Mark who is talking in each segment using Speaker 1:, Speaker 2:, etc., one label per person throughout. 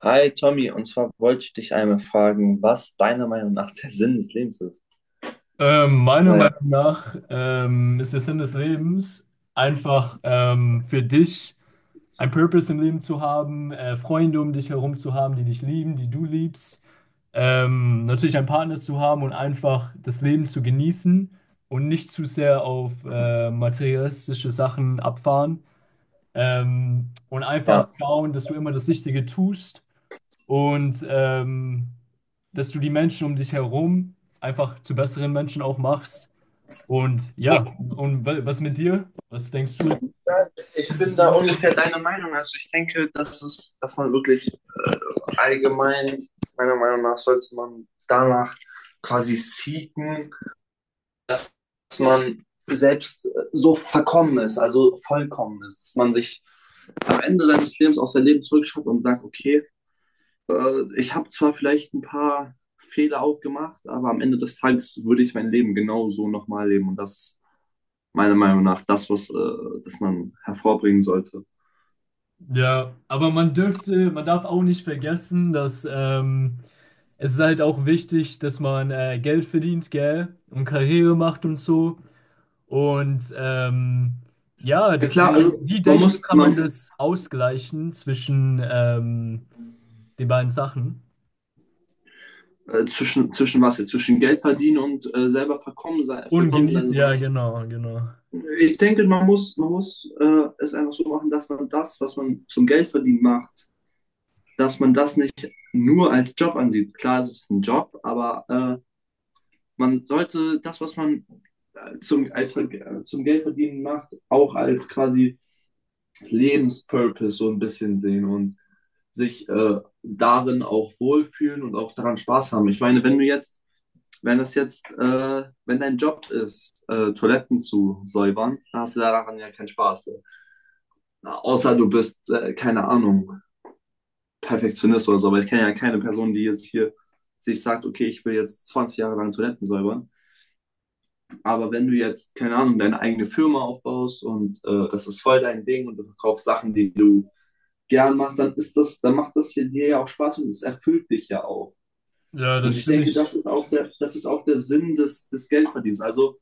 Speaker 1: Hi Tommy, und zwar wollte ich dich einmal fragen, was deiner Meinung nach der Sinn des Lebens ist.
Speaker 2: Meiner
Speaker 1: Weil,
Speaker 2: Meinung nach ist der Sinn des Lebens einfach für dich ein Purpose im Leben zu haben, Freunde um dich herum zu haben, die dich lieben, die du liebst, natürlich einen Partner zu haben und einfach das Leben zu genießen und nicht zu sehr auf materialistische Sachen abfahren, und einfach
Speaker 1: ja,
Speaker 2: schauen, dass du immer das Richtige tust und dass du die Menschen um dich herum einfach zu besseren Menschen auch machst und ja, und was mit dir? Was denkst du ist.
Speaker 1: ja, ich bin da ungefähr deiner Meinung. Also ich denke, dass man wirklich äh, allgemein, meiner Meinung nach, sollte man danach quasi seeken, dass man selbst so verkommen ist, also vollkommen ist, dass man sich am Ende seines Lebens aufs Leben zurückschaut und sagt, okay, ich habe zwar vielleicht ein paar Fehler auch gemacht, aber am Ende des Tages würde ich mein Leben genau so nochmal leben. Und das ist meiner Meinung nach das, was das man hervorbringen sollte.
Speaker 2: Ja, aber man darf auch nicht vergessen, dass es ist halt auch wichtig, dass man Geld verdient, gell? Und Karriere macht und so. Und ja,
Speaker 1: Ja klar,
Speaker 2: deswegen,
Speaker 1: also
Speaker 2: wie denkst du, kann man das ausgleichen zwischen den beiden Sachen?
Speaker 1: zwischen was jetzt? Zwischen Geld verdienen und selber verkommen sein,
Speaker 2: Und
Speaker 1: vollkommen sein
Speaker 2: genießen,
Speaker 1: oder
Speaker 2: ja,
Speaker 1: was?
Speaker 2: genau, genau.
Speaker 1: Ich denke, man muss es einfach so machen, dass man das, was man zum Geld verdienen macht, dass man das nicht nur als Job ansieht. Klar, es ist ein Job, aber man sollte das, was man zum Geldverdienen macht, auch als quasi Lebenspurpose so ein bisschen sehen und sich darin auch wohlfühlen und auch daran Spaß haben. Ich meine, wenn du jetzt, wenn das jetzt, wenn dein Job ist, Toiletten zu säubern, dann hast du daran ja keinen Spaß. Ne? Na, außer du bist, keine Ahnung, Perfektionist oder so, aber ich kenne ja keine Person, die jetzt hier sich sagt, okay, ich will jetzt 20 Jahre lang Toiletten säubern. Aber wenn du jetzt, keine Ahnung, deine eigene Firma aufbaust und das ist voll dein Ding und du verkaufst Sachen, die du gern machst, dann ist das, dann macht das hier dir ja auch Spaß und es erfüllt dich ja auch.
Speaker 2: Ja,
Speaker 1: Und
Speaker 2: das
Speaker 1: ich
Speaker 2: stimme
Speaker 1: denke, das
Speaker 2: ich,
Speaker 1: ist auch der, das ist auch der Sinn des Geldverdienens. Also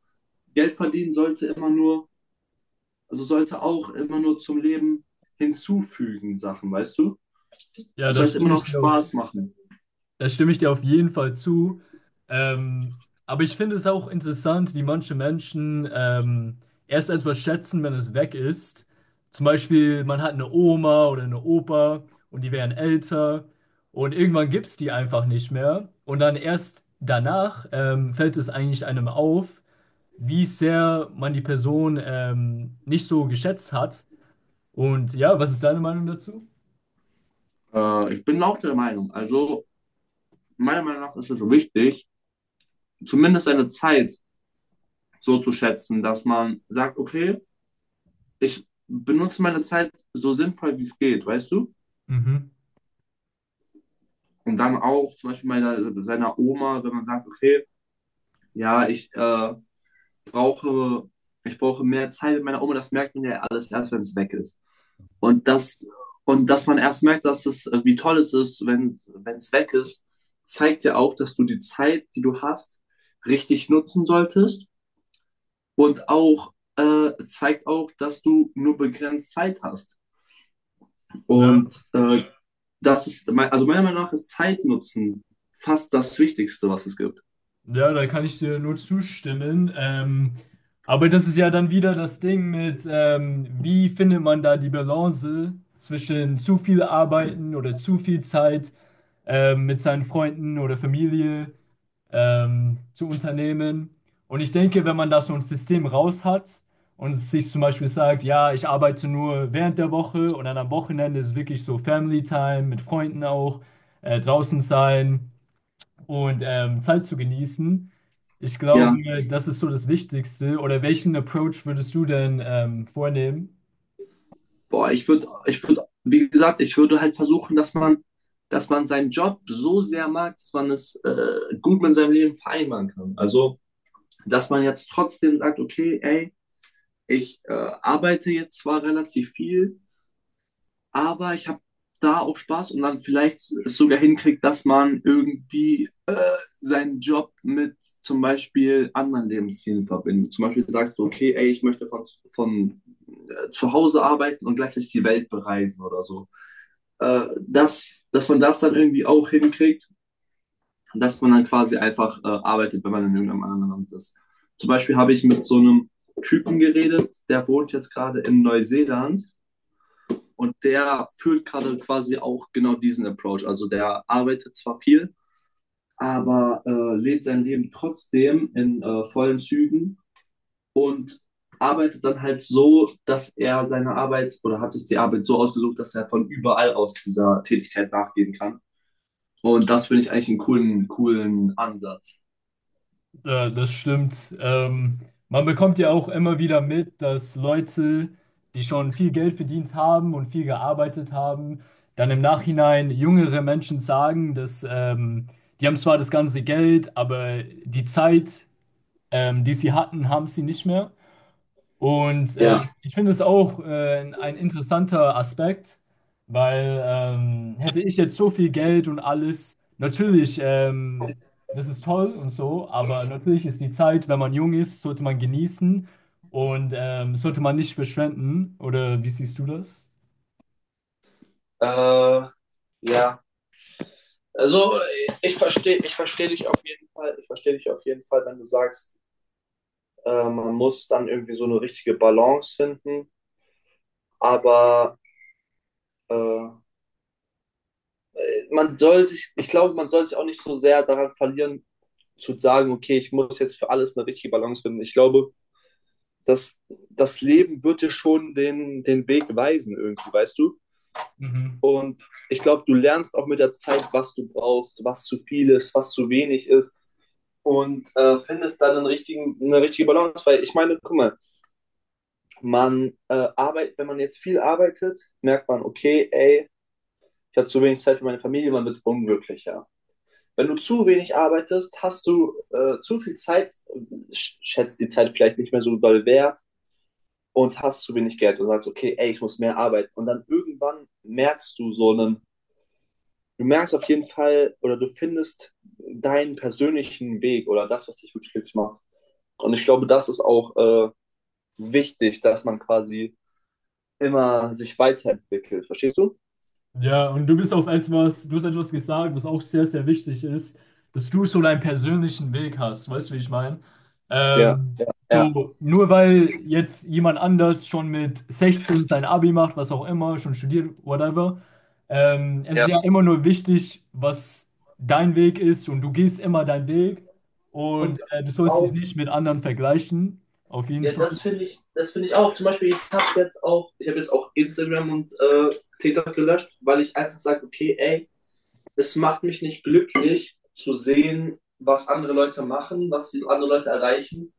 Speaker 1: Geld verdienen sollte immer nur, also sollte auch immer nur zum Leben hinzufügen, Sachen, weißt du?
Speaker 2: ja,
Speaker 1: Es
Speaker 2: das
Speaker 1: sollte immer
Speaker 2: stimme
Speaker 1: noch
Speaker 2: ich dir auf.
Speaker 1: Spaß machen.
Speaker 2: Da stimme ich dir auf jeden Fall zu. Ähm, aber ich finde es auch interessant, wie manche Menschen erst etwas schätzen, wenn es weg ist. Zum Beispiel, man hat eine Oma oder eine Opa und die werden älter und irgendwann gibt es die einfach nicht mehr. Und dann erst danach fällt es eigentlich einem auf, wie sehr man die Person nicht so geschätzt hat. Und ja, was ist deine Meinung dazu?
Speaker 1: Ich bin auch der Meinung, also meiner Meinung nach ist es so wichtig, zumindest seine Zeit so zu schätzen, dass man sagt, okay, ich benutze meine Zeit so sinnvoll, wie es geht, weißt du?
Speaker 2: Mhm.
Speaker 1: Und dann auch zum Beispiel meiner, seiner Oma, wenn man sagt, okay, ja, ich brauche, ich brauche mehr Zeit mit meiner Oma, das merkt man ja alles erst, wenn es weg ist. Und das, und dass man erst merkt, wie toll es ist, wenn es weg ist, zeigt ja auch, dass du die Zeit, die du hast, richtig nutzen solltest. Und auch zeigt auch, dass du nur begrenzt Zeit hast.
Speaker 2: Ja.
Speaker 1: Und das ist, also meiner Meinung nach ist Zeitnutzen fast das Wichtigste, was es gibt.
Speaker 2: Ja, da kann ich dir nur zustimmen. Aber das ist ja dann wieder das Ding mit, wie findet man da die Balance zwischen zu viel Arbeiten oder zu viel Zeit mit seinen Freunden oder Familie zu unternehmen. Und ich denke, wenn man da so ein System raus hat und sich zum Beispiel sagt, ja, ich arbeite nur während der Woche und dann am Wochenende ist wirklich so Family Time mit Freunden auch, draußen sein und Zeit zu genießen. Ich
Speaker 1: Ja,
Speaker 2: glaube, das ist so das Wichtigste. Oder welchen Approach würdest du denn vornehmen?
Speaker 1: boah, wie gesagt, ich würde halt versuchen, dass man seinen Job so sehr mag, dass man es gut mit seinem Leben vereinbaren kann. Also, dass man jetzt trotzdem sagt, okay, ey, ich arbeite jetzt zwar relativ viel, aber ich habe da auch Spaß und dann vielleicht es sogar hinkriegt, dass man irgendwie seinen Job mit zum Beispiel anderen Lebenszielen verbindet. Zum Beispiel sagst du, okay, ey, ich möchte von zu Hause arbeiten und gleichzeitig die Welt bereisen oder so. Dass man das dann irgendwie auch hinkriegt, dass man dann quasi einfach arbeitet, wenn man in irgendeinem anderen Land ist. Zum Beispiel habe ich mit so einem Typen geredet, der wohnt jetzt gerade in Neuseeland und der führt gerade quasi auch genau diesen Approach. Also der arbeitet zwar viel, aber lebt sein Leben trotzdem in vollen Zügen und arbeitet dann halt so, dass er seine Arbeit oder hat sich die Arbeit so ausgesucht, dass er von überall aus dieser Tätigkeit nachgehen kann. Und das finde ich eigentlich einen coolen, coolen Ansatz.
Speaker 2: Das stimmt. Man bekommt ja auch immer wieder mit, dass Leute, die schon viel Geld verdient haben und viel gearbeitet haben, dann im Nachhinein jüngere Menschen sagen, dass die haben zwar das ganze Geld, aber die Zeit, die sie hatten, haben sie nicht mehr. Und
Speaker 1: Ja.
Speaker 2: ich finde es auch ein interessanter Aspekt, weil hätte ich jetzt so viel Geld und alles, natürlich, das ist toll und so, aber natürlich ist die Zeit, wenn man jung ist, sollte man genießen und sollte man nicht verschwenden. Oder wie siehst du das?
Speaker 1: Äh, ja. Also ich verstehe dich auf jeden Fall. Ich verstehe dich auf jeden Fall, wenn du sagst, man muss dann irgendwie so eine richtige Balance finden. Aber äh, man soll sich, ich glaube, man soll sich auch nicht so sehr daran verlieren, zu sagen, okay, ich muss jetzt für alles eine richtige Balance finden. Ich glaube, das, das Leben wird dir schon den Weg weisen, irgendwie, weißt du?
Speaker 2: Mhm.
Speaker 1: Und ich glaube, du lernst auch mit der Zeit, was du brauchst, was zu viel ist, was zu wenig ist und findest dann einen richtigen, eine richtige Balance. Weil ich meine, guck mal, man arbeitet, wenn man jetzt viel arbeitet, merkt man, okay, ey, ich habe zu wenig Zeit für meine Familie, man wird unglücklicher. Wenn du zu wenig arbeitest, hast du zu viel Zeit, schätzt die Zeit vielleicht nicht mehr so doll wert und hast zu wenig Geld und sagst, okay, ey, ich muss mehr arbeiten. Und dann irgendwann merkst du so einen, du merkst auf jeden Fall oder du findest deinen persönlichen Weg oder das, was dich wirklich glücklich macht. Und ich glaube, das ist auch wichtig, dass man quasi immer sich weiterentwickelt. Verstehst du?
Speaker 2: Ja, und du bist auf etwas, du hast etwas gesagt, was auch sehr, sehr wichtig ist, dass du so deinen persönlichen Weg hast. Weißt du, wie ich meine?
Speaker 1: Ja,
Speaker 2: Ähm,
Speaker 1: ja.
Speaker 2: so, nur weil jetzt jemand anders schon mit 16 sein Abi macht, was auch immer, schon studiert, whatever, es ist ja immer nur wichtig, was dein Weg ist und du gehst immer deinen Weg und
Speaker 1: Und
Speaker 2: du sollst dich
Speaker 1: auch,
Speaker 2: nicht mit anderen vergleichen. Auf jeden
Speaker 1: ja,
Speaker 2: Fall.
Speaker 1: das finde ich auch. Zum Beispiel, ich habe jetzt auch Instagram und TikTok gelöscht, weil ich einfach sage, okay, ey, es macht mich nicht glücklich zu sehen, was andere Leute machen, was die andere Leute erreichen.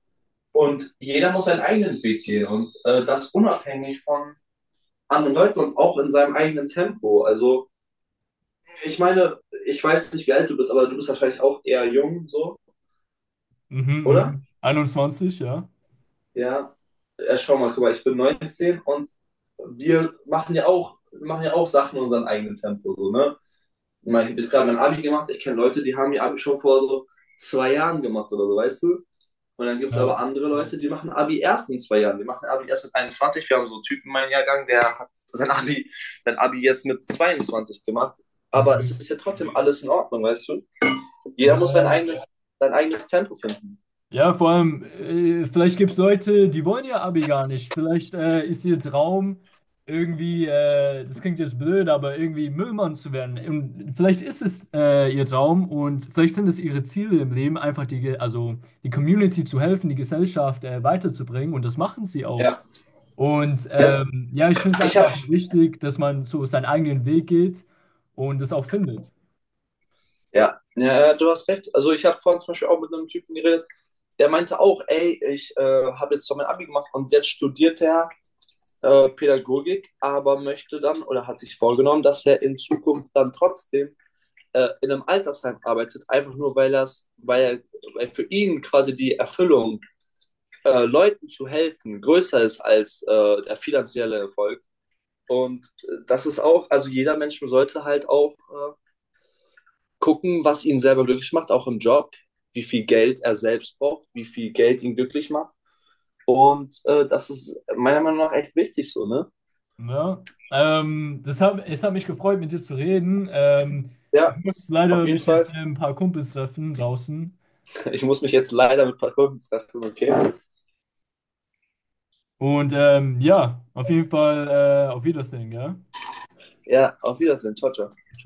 Speaker 1: Und jeder muss seinen eigenen Weg gehen und das unabhängig von anderen Leuten und auch in seinem eigenen Tempo. Also, ich meine, ich weiß nicht, wie alt du bist, aber du bist wahrscheinlich auch eher jung, so,
Speaker 2: Mhm,
Speaker 1: oder?
Speaker 2: mhm. 21, ja.
Speaker 1: Ja, ja, schau mal, guck mal, ich bin 19 und wir machen ja auch Sachen in unserem eigenen Tempo, so, ne? Ich meine, ich habe jetzt gerade mein Abi gemacht, ich kenne Leute, die haben ihr Abi schon vor so 2 Jahren gemacht oder so, weißt du? Und dann gibt es
Speaker 2: Ja,
Speaker 1: aber andere Leute, die machen Abi erst in 2 Jahren. Die machen Abi erst mit 21. Wir haben so einen Typen in meinem Jahrgang, der hat sein Abi jetzt mit 22 gemacht. Aber es
Speaker 2: mhm.
Speaker 1: ist ja trotzdem alles in Ordnung, weißt du? Jeder
Speaker 2: Ja,
Speaker 1: muss sein
Speaker 2: ja.
Speaker 1: eigenes, sein eigenes Tempo finden.
Speaker 2: Ja, vor allem, vielleicht gibt es Leute, die wollen ihr Abi gar nicht. Vielleicht ist ihr Traum irgendwie, das klingt jetzt blöd, aber irgendwie Müllmann zu werden. Und vielleicht ist es ihr Traum und vielleicht sind es ihre Ziele im Leben, einfach also die Community zu helfen, die Gesellschaft weiterzubringen. Und das machen sie auch.
Speaker 1: Ja.
Speaker 2: Und
Speaker 1: Ja,
Speaker 2: ja, ich finde es
Speaker 1: ich habe
Speaker 2: einfach wichtig, dass man so seinen eigenen Weg geht und es auch findet.
Speaker 1: Ja, ja, ja, du hast recht. Also ich habe vorhin zum Beispiel auch mit einem Typen geredet, der meinte auch, ey, ich habe jetzt zwar mein Abi gemacht und jetzt studiert er Pädagogik, aber möchte dann oder hat sich vorgenommen, dass er in Zukunft dann trotzdem in einem Altersheim arbeitet, einfach nur weil das, weil er, weil für ihn quasi die Erfüllung, Leuten zu helfen, größer ist als der finanzielle Erfolg. Und das ist auch, also jeder Mensch sollte halt auch gucken, was ihn selber glücklich macht, auch im Job, wie viel Geld er selbst braucht, wie viel Geld ihn glücklich macht. Und das ist meiner Meinung nach echt wichtig so, ne?
Speaker 2: Ne? Es hat mich gefreut, mit dir zu reden. Ich
Speaker 1: Ja,
Speaker 2: muss
Speaker 1: auf
Speaker 2: leider
Speaker 1: jeden
Speaker 2: mich
Speaker 1: Fall.
Speaker 2: jetzt mit ein paar Kumpels treffen draußen.
Speaker 1: Ich muss mich jetzt leider mit ein paar Kunden treffen, okay?
Speaker 2: Und ja, auf jeden Fall auf Wiedersehen, gell?
Speaker 1: Ja, auf Wiedersehen. Ciao, ciao.
Speaker 2: Ciao.